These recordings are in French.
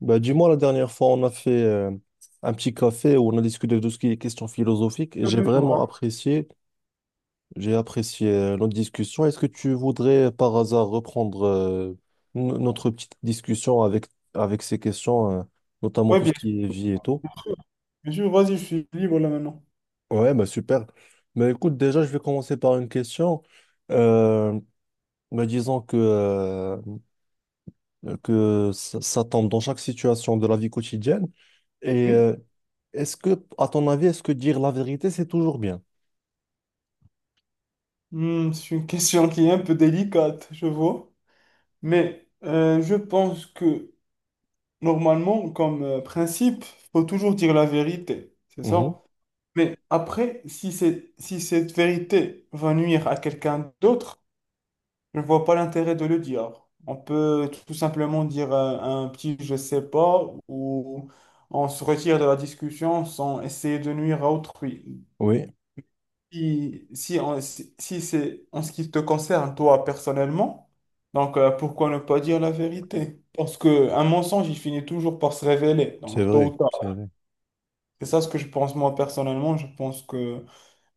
Bah, dis-moi, la dernière fois, on a fait un petit café où on a discuté de tout ce qui est questions philosophiques et Mhm. J'ai vraiment apprécié. J'ai apprécié notre discussion. Est-ce que tu voudrais par hasard reprendre notre petite discussion avec ces questions, notamment Oui, tout ce bien qui est sûr. vie et tout? Bien sûr. Vas-y, je suis libre là maintenant. Ouais, bah super. Mais écoute, déjà, je vais commencer par une question. Euh, Disons que ça tombe dans chaque situation de la vie quotidienne. Et Oui. euh, Est-ce que, à ton avis, est-ce que dire la vérité, c'est toujours bien? Hmm, c'est une question qui est un peu délicate, je vois. Mais je pense que normalement, comme principe, faut toujours dire la vérité, c'est Mhm. ça? Mais après, si cette vérité va nuire à quelqu'un d'autre, je ne vois pas l'intérêt de le dire. On peut tout simplement dire un petit je sais pas, ou on se retire de la discussion sans essayer de nuire à autrui. Oui, Si, si, on- si, si c'est en ce qui te concerne, toi, personnellement, donc pourquoi ne pas dire la vérité? Parce qu'un mensonge, il finit toujours par se révéler, c'est donc tôt ou vrai, tard. c'est vrai, C'est ça ce que je pense moi personnellement. Je pense que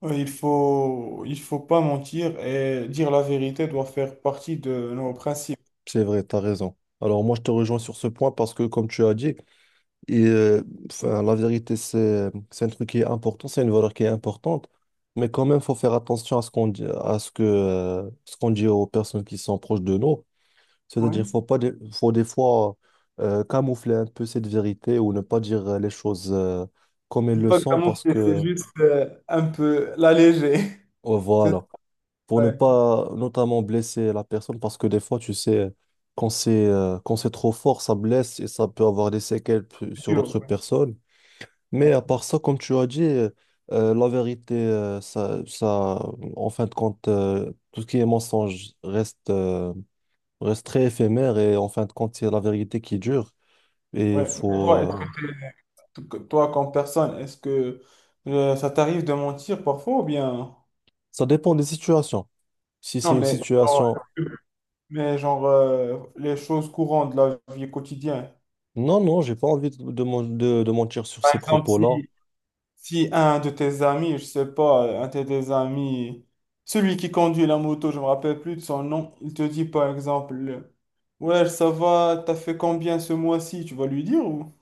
il faut pas mentir, et dire la vérité doit faire partie de nos principes. c'est vrai, t'as raison. Alors moi, je te rejoins sur ce point parce que, comme tu as dit, et, euh, la vérité, c'est un truc qui est important, c'est une valeur qui est importante, mais quand même, faut faire attention à ce qu'on dit, à ce ce qu'on dit aux personnes qui sont proches de nous. C'est-à-dire, Oui. faut pas, des- faut des fois camoufler un peu cette vérité ou ne pas dire les choses comme elles C'est le pas sont camoufler, c'est juste un peu l'alléger. C'est voilà, pour ne ouais, pas notamment blesser la personne parce que des fois, tu sais, quand c'est trop fort, ça blesse et ça peut avoir des séquelles sur pur, l'autre ouais. personne. Mais Ouais. à part ça, comme tu as dit, la vérité, ça, en fin de compte, tout ce qui est mensonge reste très éphémère et en fin de compte, c'est la vérité qui dure. Et Ouais. faut, Toi, euh, est-ce que Toi, comme personne, est-ce que ça t'arrive de mentir parfois ou bien... Ça dépend des situations. Si c'est Non, une situation... mais genre les choses courantes de la vie quotidienne. Non, non, j'ai pas envie de mentir sur Par ces exemple, si, propos-là. si un de tes amis, je sais pas, un de tes amis, celui qui conduit la moto, je me rappelle plus de son nom, il te dit par exemple, ouais, ça va, t'as fait combien ce mois-ci? Tu vas lui dire ou?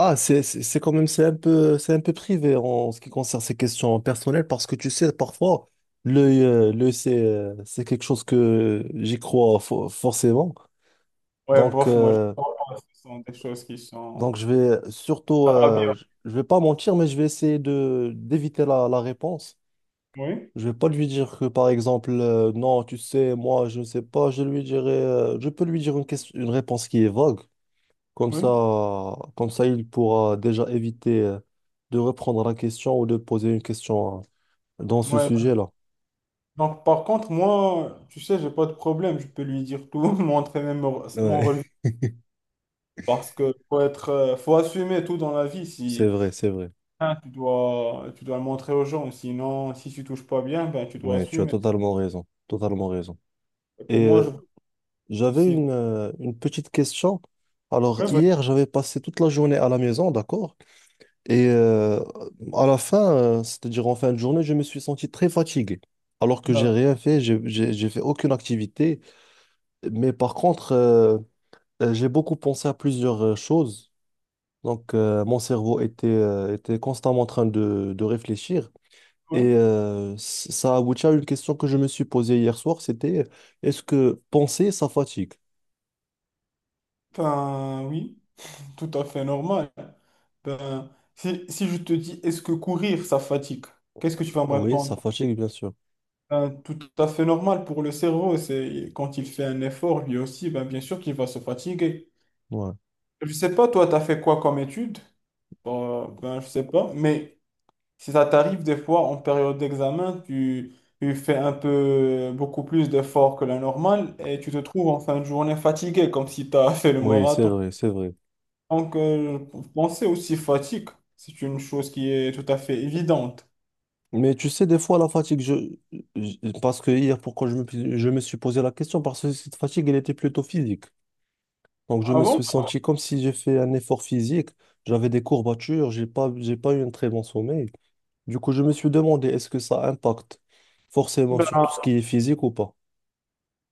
Ah, c'est quand même, c'est un peu privé en ce qui concerne ces questions personnelles parce que tu sais, parfois, l'œil, c'est quelque chose que j'y crois forcément. Ouais, Donc, bof, moi, je euh, pense que ce sont des choses qui Donc, sont... je vais surtout, Ah, bien. Je vais pas mentir, mais je vais essayer de d'éviter la réponse. Oui, Je vais pas lui dire que, par exemple, non, tu sais, moi, je ne sais pas. Je lui dirai, je peux lui dire une réponse qui est vague. Comme oui. ça, Comme ça, il pourra déjà éviter, de reprendre la question ou de poser une question, dans ce Ouais. sujet-là. Donc, par contre, moi, tu sais, j'ai pas de problème. Je peux lui dire tout, montrer même mon relevé. Ouais. Parce que faut être, faut assumer tout dans la vie. C'est Si vrai, c'est vrai. hein, tu dois le montrer aux gens. Sinon, si tu touches pas bien, ben, tu dois Ouais, tu as assumer. totalement raison, totalement raison. Et pour Et moi, je euh, vois pas de J'avais souci. Une petite question. Alors, Ouais, bah, hier, j'avais passé toute la journée à la maison, d'accord? Et euh, à la fin, c'est-à-dire en fin de journée, je me suis senti très fatigué. Alors que j'ai d'accord, rien fait, j'ai fait aucune activité. Mais par contre, euh, j'ai beaucoup pensé à plusieurs choses. Mon cerveau était constamment en train de réfléchir. Ouais. Ça aboutit à une question que je me suis posée hier soir, c'était est-ce que penser, ça fatigue? Ben, oui, tout à fait normal. Ben, si, si je te dis, est-ce que courir, ça fatigue? Qu'est-ce que tu vas me Oui, ça répondre? fatigue, bien sûr. Ben, tout à fait normal pour le cerveau. C'est quand il fait un effort, lui aussi, ben, bien sûr qu'il va se fatiguer. Ouais. Je sais pas, toi, tu as fait quoi comme étude? Ben, je sais pas, mais si ça t'arrive des fois en période d'examen, tu fais un peu beaucoup plus d'efforts que la normale et tu te trouves en fin de journée fatigué, comme si tu as fait le Oui, c'est marathon. vrai, c'est vrai. Donc, penser aussi fatigue, c'est une chose qui est tout à fait évidente. Mais tu sais, des fois, la fatigue, je- parce que hier, pourquoi je me suis posé la question? Parce que cette fatigue, elle était plutôt physique. Donc, je Ah me bon? suis senti comme si j'ai fait un effort physique. J'avais des courbatures, j'ai pas eu un très bon sommeil. Du coup, je me suis demandé, est-ce que ça impacte forcément Ben, sur tout ce qui est physique ou pas?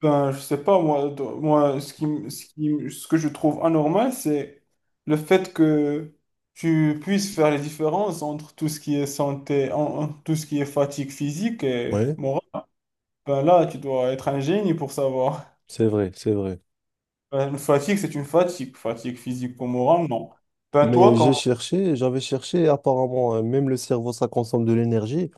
ben, je sais pas, moi, ce que je trouve anormal, c'est le fait que tu puisses faire les différences entre tout ce qui est santé, tout ce qui est fatigue physique et Oui, morale. Ben là, tu dois être un génie pour savoir. c'est vrai, c'est vrai. Ben, une fatigue, c'est une fatigue. Fatigue physique ou morale, non. Ben toi, Mais j'ai quand, cherché, j'avais cherché, et apparemment, même le cerveau, ça consomme de l'énergie.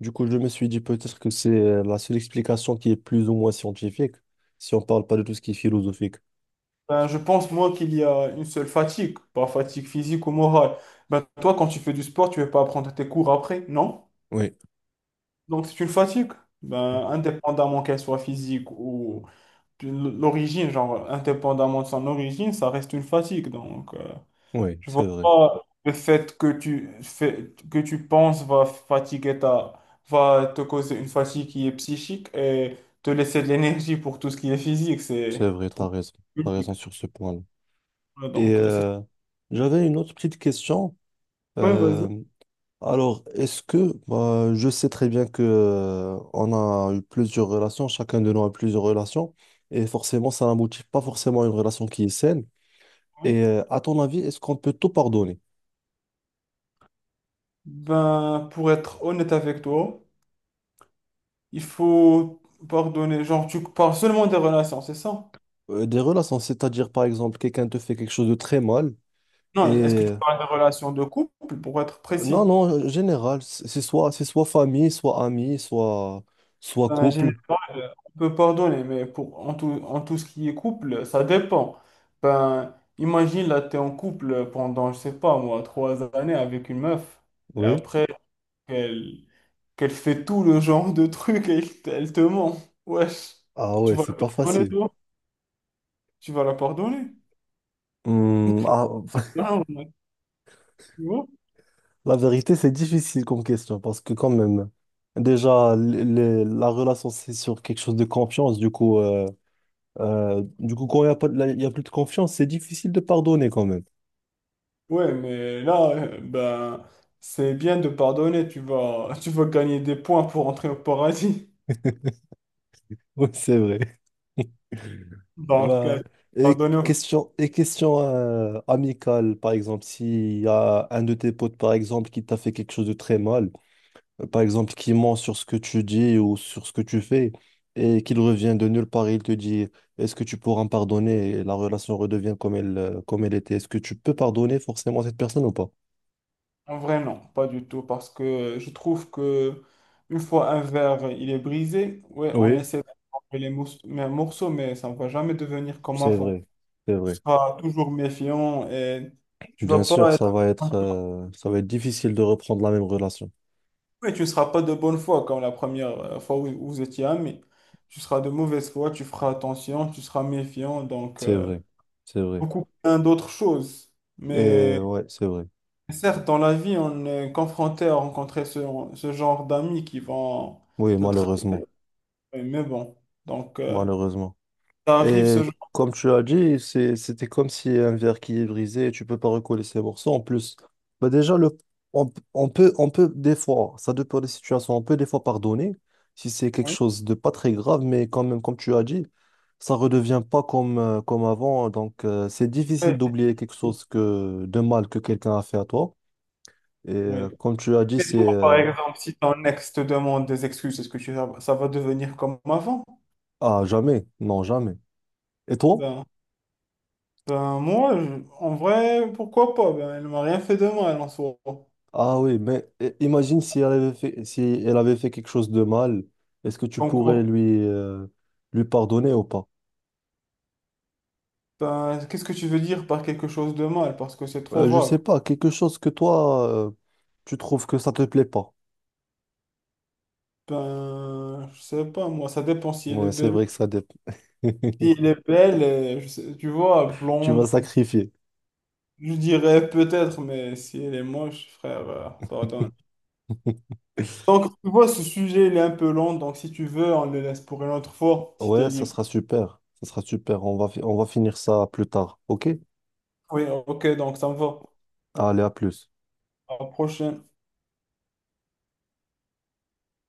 Du coup, je me suis dit peut-être que c'est la seule explication qui est plus ou moins scientifique, si on parle pas de tout ce qui est philosophique. ben, je pense, moi, qu'il y a une seule fatigue, pas fatigue physique ou morale. Ben toi, quand tu fais du sport, tu ne veux pas prendre tes cours après, non? Oui, Donc c'est une fatigue, ben, indépendamment qu'elle soit physique ou de l'origine, genre indépendamment de son origine, ça reste une fatigue. Donc oui, je vois pas le fait que tu fais, que tu penses va fatiguer ta, va te causer une fatigue qui est psychique et te laisser de l'énergie pour tout ce qui est physique, c'est c'est vrai, trop t'as logique. raison sur ce point-là. Ouais. Et Donc c'est euh, J'avais une autre petite question. ouais, vas-y. Euh, alors, est-ce que, bah, je sais très bien que on a eu plusieurs relations, chacun de nous a eu plusieurs relations, et forcément, ça n'aboutit pas forcément à une relation qui est saine. Ouais. À ton avis, est-ce qu'on peut tout pardonner? Ben pour être honnête avec toi, il faut pardonner, genre tu parles seulement des relations, c'est ça? Des relations, c'est-à-dire par exemple, quelqu'un te fait quelque chose de très mal. Et Non, est-ce que tu euh, parles de relations de couple, pour être non, précis? non, en général, c'est soit famille, soit ami, soit couple. Généralement, on peut pardonner, mais pour, en tout ce qui est couple, ça dépend. Ben, imagine, là, tu es en couple pendant, je sais pas, moi, trois années avec une meuf, et Oui. après, qu'elle qu'elle fait tout le genre de trucs et elle te ment. Wesh, Ah tu ouais, vas c'est la pas pardonner, facile. toi? Tu vas la pardonner? Hmm, ah, Non, tu vois? la vérité, c'est difficile comme question parce que quand même, déjà, la relation, c'est sur quelque chose de confiance. Du coup, quand il n'y a pas, de- il y a plus de confiance, c'est difficile de pardonner quand même. Ouais, mais là, ben, c'est bien de pardonner, tu vas, tu vas gagner des points pour entrer au paradis. Oui, c'est vrai. Donc, Bah, pardonner, et question amicale, par exemple, s'il y a un de tes potes, par exemple, qui t'a fait quelque chose de très mal, par exemple, qui ment sur ce que tu dis ou sur ce que tu fais, et qu'il revient de nulle part, il te dit, est-ce que tu pourras me pardonner? Et la relation redevient comme elle était. Est-ce que tu peux pardonner forcément cette personne ou pas? en vrai, non, pas du tout, parce que je trouve que une fois un verre, il est brisé, ouais, on Oui, essaie de couper les mais un morceau, mais ça ne va jamais devenir comme c'est avant. vrai. C'est Tu vrai. seras toujours méfiant et tu vas Bien sûr, pas être... ça va être difficile de reprendre la même relation. Ouais, tu ne seras pas de bonne foi comme la première fois où vous étiez amis. Tu seras de mauvaise foi, tu feras attention, tu seras méfiant, donc... C'est vrai, c'est vrai. beaucoup plein d'autres choses. Mais Ouais, c'est vrai. certes, dans la vie, on est confronté à rencontrer ce, ce genre d'amis qui vont Oui, te trahir. malheureusement, Mais bon, donc, malheureusement. ça arrive Et ce genre. comme tu as dit, c'était comme si un verre qui est brisé, tu peux pas recoller ses morceaux. En plus, bah déjà le, on, p- on peut des fois, ça dépend des situations, on peut des fois pardonner si c'est quelque Oui. chose de pas très grave, mais quand même, comme tu as dit, ça redevient pas comme avant. Donc, c'est difficile d'oublier quelque chose de mal que quelqu'un a fait à toi. Et Oui. Comme tu as dit, Et c'est toi, par exemple, si ton ex te demande des excuses, est-ce que tu, ça va devenir comme avant? Ah jamais, non jamais. Et toi? Ben, ben moi, je- en vrai, pourquoi pas? Ben, elle m'a rien fait de mal en soi. Ah oui, mais imagine si elle avait fait, si elle avait fait quelque chose de mal, est-ce que tu En pourrais lui pardonner ou pas? Ben, qu'est-ce que tu veux dire par quelque chose de mal? Parce que c'est trop Je vague. sais pas, quelque chose que toi tu trouves que ça te plaît pas. Ben, je sais pas, moi, ça dépend si elle est Ouais, c'est belle ou vrai que ça dépend. si elle est belle, et je sais- tu vois, Tu vas blonde, sacrifier. je dirais peut-être, mais si elle est moche, frère, pardonne. Donc, tu vois, ce sujet, il est un peu long, donc si tu veux, on le laisse pour une autre fois, si t'es Ouais, ça libre. sera super, ça sera super. On va finir ça plus tard, ok? Oui, ok, donc ça me va. Allez, à plus. À la prochaine.